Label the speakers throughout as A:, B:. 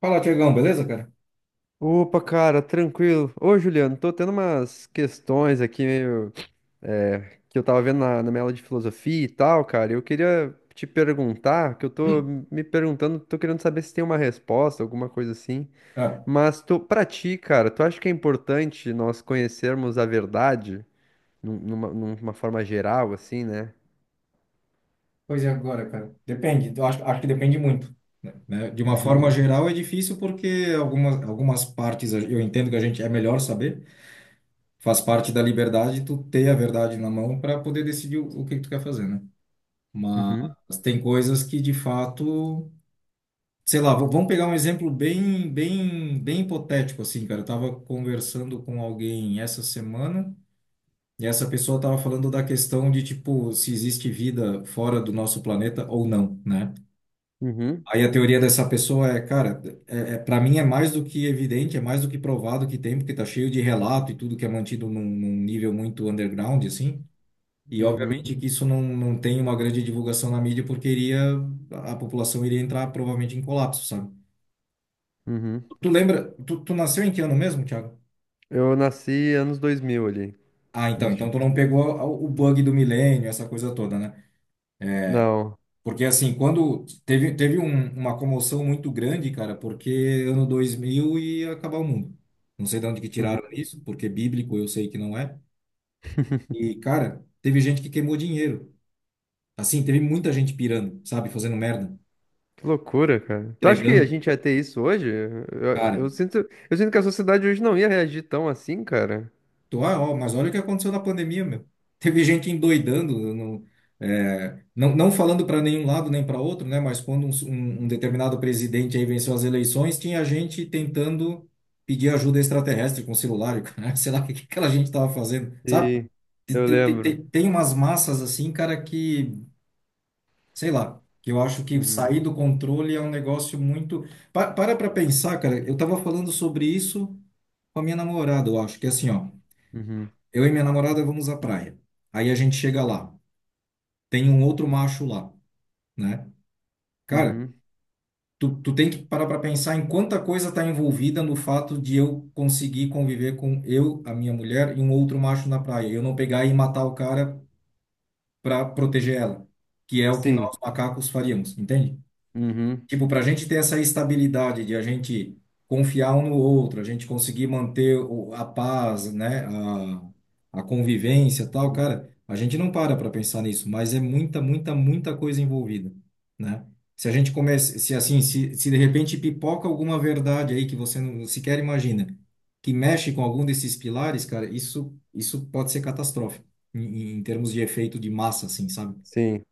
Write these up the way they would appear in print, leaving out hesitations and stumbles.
A: Fala, Tiagão, beleza, cara?
B: Opa, cara, tranquilo. Ô, Juliano, tô tendo umas questões aqui meio, que eu tava vendo na minha aula de filosofia e tal, cara. Eu queria te perguntar, que eu tô
A: Hum,
B: me perguntando, tô querendo saber se tem uma resposta, alguma coisa assim.
A: ah,
B: Mas tu, pra ti, cara, tu acha que é importante nós conhecermos a verdade numa forma geral, assim, né?
A: pois é, agora, cara. Depende, eu acho, que depende muito. Né? De uma
B: Uhum,
A: forma geral é difícil porque algumas partes eu entendo que a gente é melhor saber, faz parte da liberdade tu ter a verdade na mão para poder decidir o que que tu quer fazer, né?
B: uhum,
A: Mas tem coisas que, de fato, sei lá, vamos pegar um exemplo bem, bem, bem hipotético, assim, cara. Eu tava conversando com alguém essa semana. E essa pessoa estava falando da questão de, tipo, se existe vida fora do nosso planeta ou não, né?
B: uhum,
A: Aí a teoria dessa pessoa é, cara, para mim é mais do que evidente, é mais do que provado que tem, porque tá cheio de relato e tudo que é mantido num nível muito underground, assim. E
B: uhum,
A: obviamente que isso não, não tem uma grande divulgação na mídia, porque a população iria entrar provavelmente em colapso, sabe?
B: uhum.
A: Tu lembra, tu nasceu em que ano mesmo, Thiago?
B: Eu nasci anos 2000, ali,
A: Ah,
B: início de
A: então tu não
B: 2000.
A: pegou o bug do milênio, essa coisa toda, né?
B: Não.
A: Porque, assim, quando teve uma comoção muito grande, cara, porque ano 2000 ia acabar o mundo. Não sei de onde que
B: Uhum.
A: tiraram isso, porque bíblico eu sei que não é. E, cara, teve gente que queimou dinheiro. Assim, teve muita gente pirando, sabe, fazendo merda,
B: Que loucura, cara. Tu acha que a
A: entregando,
B: gente ia ter isso hoje? Eu,
A: cara.
B: eu sinto, eu sinto que a sociedade hoje não ia reagir tão assim, cara.
A: Ah, ó, mas olha o que aconteceu na pandemia, meu. Teve gente endoidando, não, é, não, não falando para nenhum lado nem para outro, né? Mas quando um determinado presidente aí venceu as eleições, tinha gente tentando pedir ajuda extraterrestre com celular, e o cara, sei lá o que que aquela gente estava fazendo, sabe?
B: E eu lembro.
A: Tem umas massas assim, cara, que, sei lá, que eu acho que
B: Uhum,
A: sair do controle é um negócio muito. Para pra pensar, cara, eu tava falando sobre isso com a minha namorada, eu acho, que é assim, ó.
B: uhum,
A: Eu e minha namorada vamos à praia. Aí a gente chega lá, tem um outro macho lá, né? Cara,
B: uhum.
A: tu tem que parar para pensar em quanta coisa está envolvida no fato de eu conseguir conviver com eu, a minha mulher e um outro macho na praia. Eu não pegar e matar o cara para proteger ela, que é o que
B: Sim,
A: nós macacos faríamos, entende?
B: uhum,
A: Tipo, para a gente ter essa estabilidade de a gente confiar um no outro, a gente conseguir manter a paz, né, a convivência e tal, cara, a gente não para para pensar nisso, mas é muita, muita, muita coisa envolvida, né? Se a gente começa, se assim, se de repente pipoca alguma verdade aí que você não sequer imagina, que mexe com algum desses pilares, cara, isso pode ser catastrófico em termos de efeito de massa, assim, sabe?
B: sim.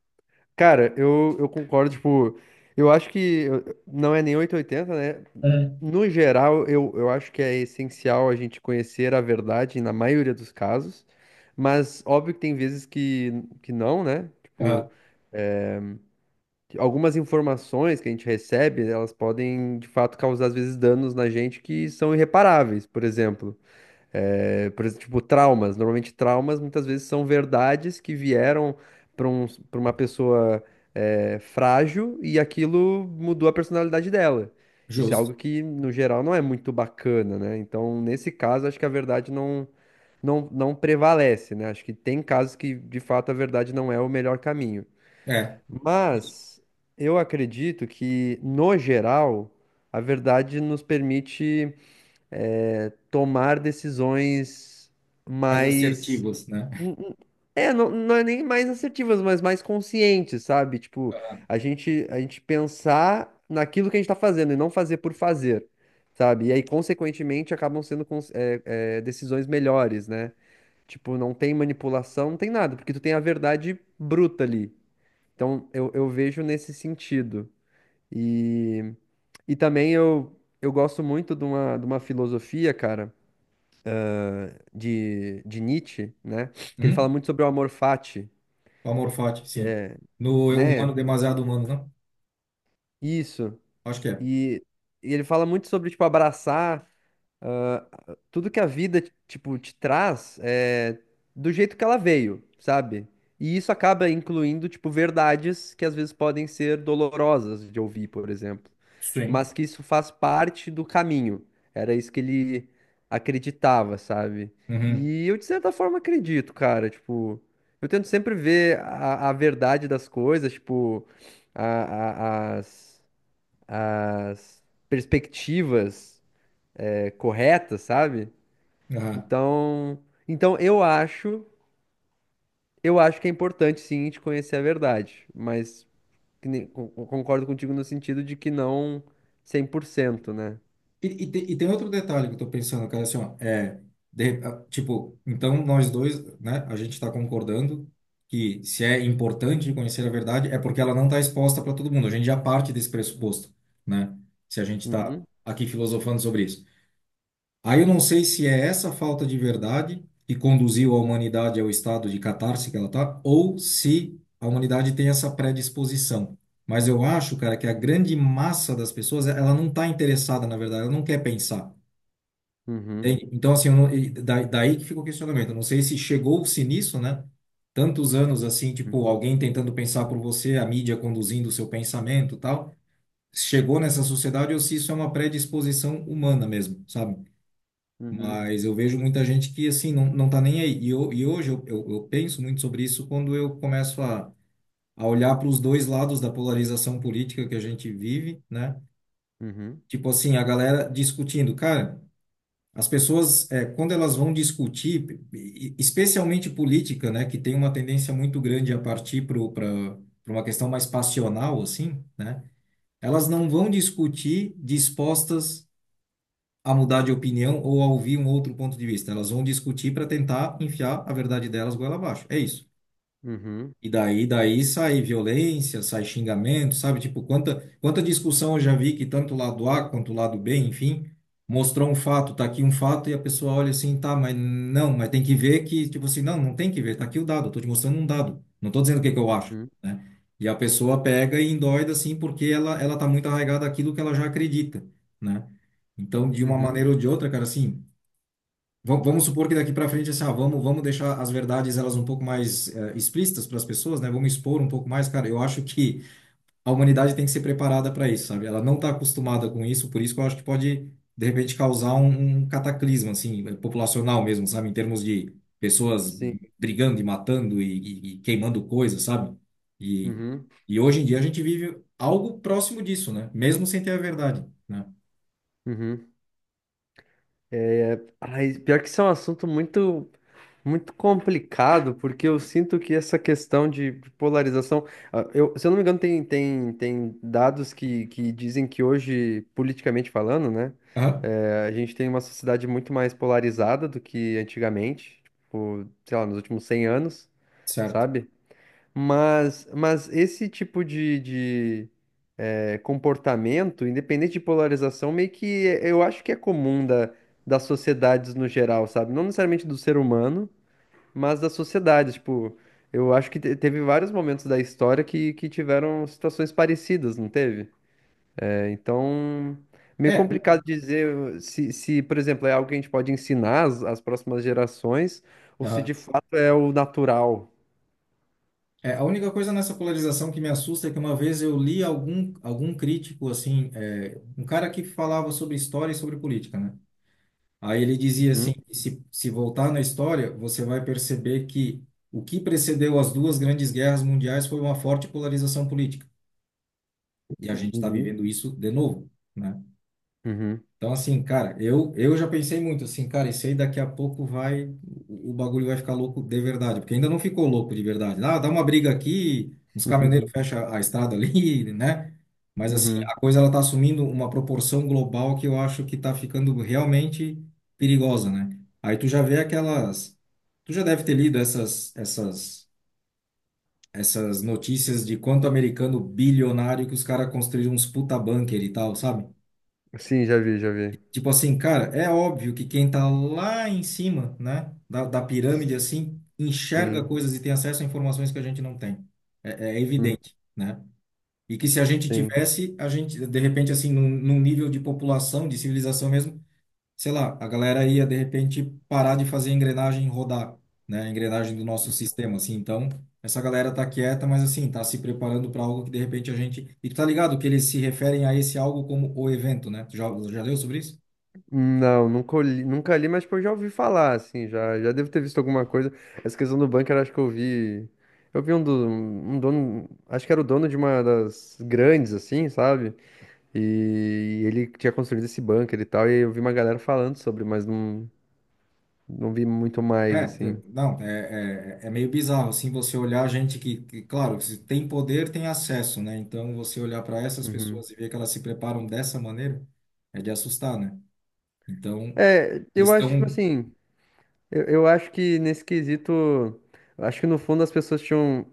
B: Cara, eu concordo, tipo, eu acho que não é nem 880, né?
A: É.
B: No geral, eu acho que é essencial a gente conhecer a verdade na maioria dos casos, mas óbvio que tem vezes que não, né? Tipo,
A: Ah,
B: algumas informações que a gente recebe, elas podem, de fato, causar, às vezes, danos na gente que são irreparáveis, por exemplo. É, por exemplo, tipo, traumas. Normalmente, traumas, muitas vezes, são verdades que vieram para um, para uma pessoa, frágil, e aquilo mudou a personalidade dela. Isso é
A: justo.
B: algo que, no geral, não é muito bacana, né? Então, nesse caso, acho que a verdade não prevalece, né? Acho que tem casos que, de fato, a verdade não é o melhor caminho.
A: É,
B: Mas eu acredito que, no geral, a verdade nos permite tomar decisões
A: mais
B: mais.
A: assertivos, né?
B: n- n- É, não é nem mais assertivas, mas mais conscientes, sabe? Tipo, a gente pensar naquilo que a gente tá fazendo e não fazer por fazer, sabe? E aí, consequentemente, acabam sendo decisões melhores, né? Tipo, não tem manipulação, não tem nada, porque tu tem a verdade bruta ali. Então, eu vejo nesse sentido. E, e também eu gosto muito de uma filosofia, cara, de Nietzsche, né? Que ele fala
A: Uhum.
B: muito sobre o amor fati,
A: Palmar fati, sim. No humano,
B: né?
A: demasiado humano, não?
B: Isso.
A: Acho que é.
B: E, e ele fala muito sobre, tipo, abraçar ah, tudo que a vida, tipo, te traz do jeito que ela veio, sabe? E isso acaba incluindo, tipo, verdades que às vezes podem ser dolorosas de ouvir, por exemplo,
A: Sim.
B: mas que isso faz parte do caminho. Era isso que ele acreditava, sabe?
A: Uhum.
B: E eu, de certa forma, acredito, cara. Tipo, eu tento sempre ver a verdade das coisas, tipo, a- a- as, as perspectivas, corretas, sabe?
A: Aham.
B: Então, então eu acho, eu acho que é importante, sim, a gente conhecer a verdade, mas que concordo contigo no sentido de que não 100%, né?
A: E tem outro detalhe que eu tô pensando, cara, assim, ó, é, ah, tipo, então nós dois, né, a gente tá concordando que se é importante conhecer a verdade é porque ela não tá exposta para todo mundo. A gente já parte desse pressuposto, né? Se a gente tá
B: Uhum,
A: aqui filosofando sobre isso. Aí eu não sei se é essa falta de verdade que conduziu a humanidade ao estado de catarse que ela está, ou se a humanidade tem essa predisposição. Mas eu acho, cara, que a grande massa das pessoas, ela não está interessada, na verdade, ela não quer pensar.
B: uhum,
A: Entende? Então, assim, eu não, e daí que fica o questionamento. Eu não sei se chegou-se nisso, né? Tantos anos, assim,
B: uhum.
A: tipo, alguém tentando pensar por você, a mídia conduzindo o seu pensamento e tal. Chegou nessa sociedade ou se isso é uma predisposição humana mesmo, sabe?
B: Uhum,
A: Mas eu vejo muita gente que, assim, não, não tá nem aí. E, hoje eu penso muito sobre isso quando eu começo a olhar para os dois lados da polarização política que a gente vive, né?
B: uhum,
A: Tipo assim, a galera discutindo. Cara, as pessoas, é, quando elas vão discutir, especialmente política, né? Que tem uma tendência muito grande a partir para uma questão mais passional, assim, né? Elas não vão discutir dispostas a mudar de opinião ou a ouvir um outro ponto de vista. Elas vão discutir para tentar enfiar a verdade delas goela abaixo. É isso.
B: uhum,
A: E daí sai violência, sai xingamento, sabe? Tipo, quanta discussão eu já vi que tanto o lado A quanto o lado B, enfim, mostrou um fato, tá aqui um fato, e a pessoa olha assim, tá, mas não, mas tem que ver que, tipo assim, não, não tem que ver, tá aqui o dado, eu tô te mostrando um dado, não tô dizendo o que que eu acho,
B: uhum,
A: né? E a pessoa pega e endoida, assim, porque ela tá muito arraigada àquilo que ela já acredita, né? Então, de uma
B: uhum,
A: maneira ou de outra, cara, assim, vamos supor que daqui para frente, assim, ah, vamos deixar as verdades elas um pouco mais explícitas para as pessoas, né? Vamos expor um pouco mais, cara. Eu acho que a humanidade tem que ser preparada para isso, sabe? Ela não está acostumada com isso, por isso que eu acho que pode, de repente, causar um cataclisma, assim, populacional mesmo, sabe? Em termos de pessoas
B: sim,
A: brigando e matando e queimando coisas, sabe? E,
B: uhum,
A: e hoje em dia a gente vive algo próximo disso, né? Mesmo sem ter a verdade, né?
B: uhum. Ai, pior que isso é um assunto muito, muito complicado, porque eu sinto que essa questão de polarização, se eu não me engano, tem dados que dizem que hoje, politicamente falando, né,
A: Aham,
B: a gente tem uma sociedade muito mais polarizada do que antigamente, tipo, sei lá, nos últimos 100 anos,
A: certo.
B: sabe? Mas esse tipo de, comportamento, independente de polarização, meio que eu acho que é comum da, das sociedades no geral, sabe? Não necessariamente do ser humano, mas das sociedades. Tipo, eu acho que teve vários momentos da história que tiveram situações parecidas, não teve? É, então, meio
A: É,
B: complicado dizer se, se, por exemplo, é algo que a gente pode ensinar às próximas gerações ou se de
A: aham.
B: fato é o natural.
A: É, a única coisa nessa polarização que me assusta é que uma vez eu li algum crítico, assim, é, um cara que falava sobre história e sobre política, né? Aí ele dizia
B: Uhum,
A: assim, que se voltar na história, você vai perceber que o que precedeu as duas grandes guerras mundiais foi uma forte polarização política. E a gente está
B: uhum,
A: vivendo isso de novo, né?
B: uhum,
A: Então, assim, cara, eu já pensei muito, assim, cara, isso aí daqui a pouco vai, o bagulho vai ficar louco de verdade, porque ainda não ficou louco de verdade. Ah, dá uma briga aqui, os caminhoneiros
B: uhum,
A: fecham a estrada ali, né? Mas, assim,
B: uhum.
A: a coisa ela tá assumindo uma proporção global que eu acho que tá ficando realmente perigosa, né? Aí tu já vê aquelas, tu já deve ter lido essas notícias de quanto americano bilionário que os caras construíram uns puta bunker e tal, sabe?
B: Sim, já vi, já vi.
A: Tipo assim, cara, é óbvio que quem tá lá em cima, né, da pirâmide, assim, enxerga
B: Sim.
A: coisas e tem acesso a informações que a gente não tem. É, evidente, né? E que se a gente
B: Sim.
A: tivesse, a gente, de repente, assim, num nível de população, de civilização mesmo, sei lá, a galera ia, de repente, parar de fazer a engrenagem rodar, né? A engrenagem do nosso sistema, assim. Então, essa galera tá quieta, mas, assim, tá se preparando para algo que, de repente, a gente... E tu tá ligado que eles se referem a esse algo como o evento, né? Tu já leu sobre isso?
B: Não, nunca li, nunca li, mas tipo, eu já ouvi falar, assim, já, já devo ter visto alguma coisa. Essa questão do bunker, acho que eu vi. Eu vi um, do, um dono, acho que era o dono de uma das grandes, assim, sabe? E ele tinha construído esse bunker e tal, e eu vi uma galera falando sobre, mas não, não vi muito mais,
A: É,
B: assim.
A: não, é meio bizarro, assim, você olhar gente que, claro, se tem poder, tem acesso, né? Então, você olhar para essas
B: Uhum.
A: pessoas e ver que elas se preparam dessa maneira, é de assustar, né? Então,
B: É,
A: eles
B: eu acho, tipo
A: estão
B: assim, eu acho que nesse quesito, eu acho que no fundo as pessoas tinham.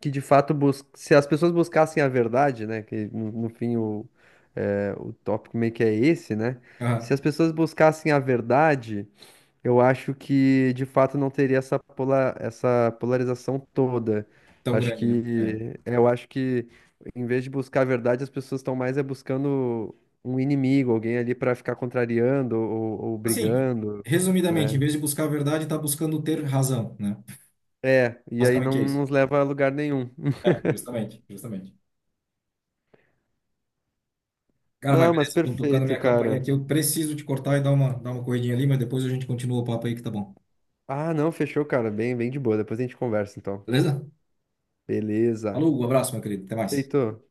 B: Que de fato bus... se as pessoas buscassem a verdade, né, que no, no fim o, é, o tópico meio que é esse, né? Se
A: ah,
B: as pessoas buscassem a verdade, eu acho que de fato não teria essa pola... essa polarização toda.
A: tão
B: Acho
A: grande, né? É.
B: que eu acho que em vez de buscar a verdade, as pessoas estão mais é buscando um inimigo, alguém ali para ficar contrariando ou
A: Assim,
B: brigando,
A: resumidamente, em
B: né?
A: vez de buscar a verdade, está buscando ter razão, né?
B: É, e aí
A: Basicamente
B: não
A: é isso.
B: nos leva a lugar nenhum.
A: É, justamente, justamente. Cara, mas
B: Não, mas
A: beleza, estão tocando
B: perfeito,
A: minha campanha
B: cara.
A: aqui, eu preciso te cortar e dar uma corridinha ali, mas depois a gente continua o papo aí que tá bom.
B: Ah, não, fechou, cara. Bem, bem de boa. Depois a gente conversa, então.
A: Beleza?
B: Beleza.
A: Falou, um abraço, meu querido, até mais.
B: Feito.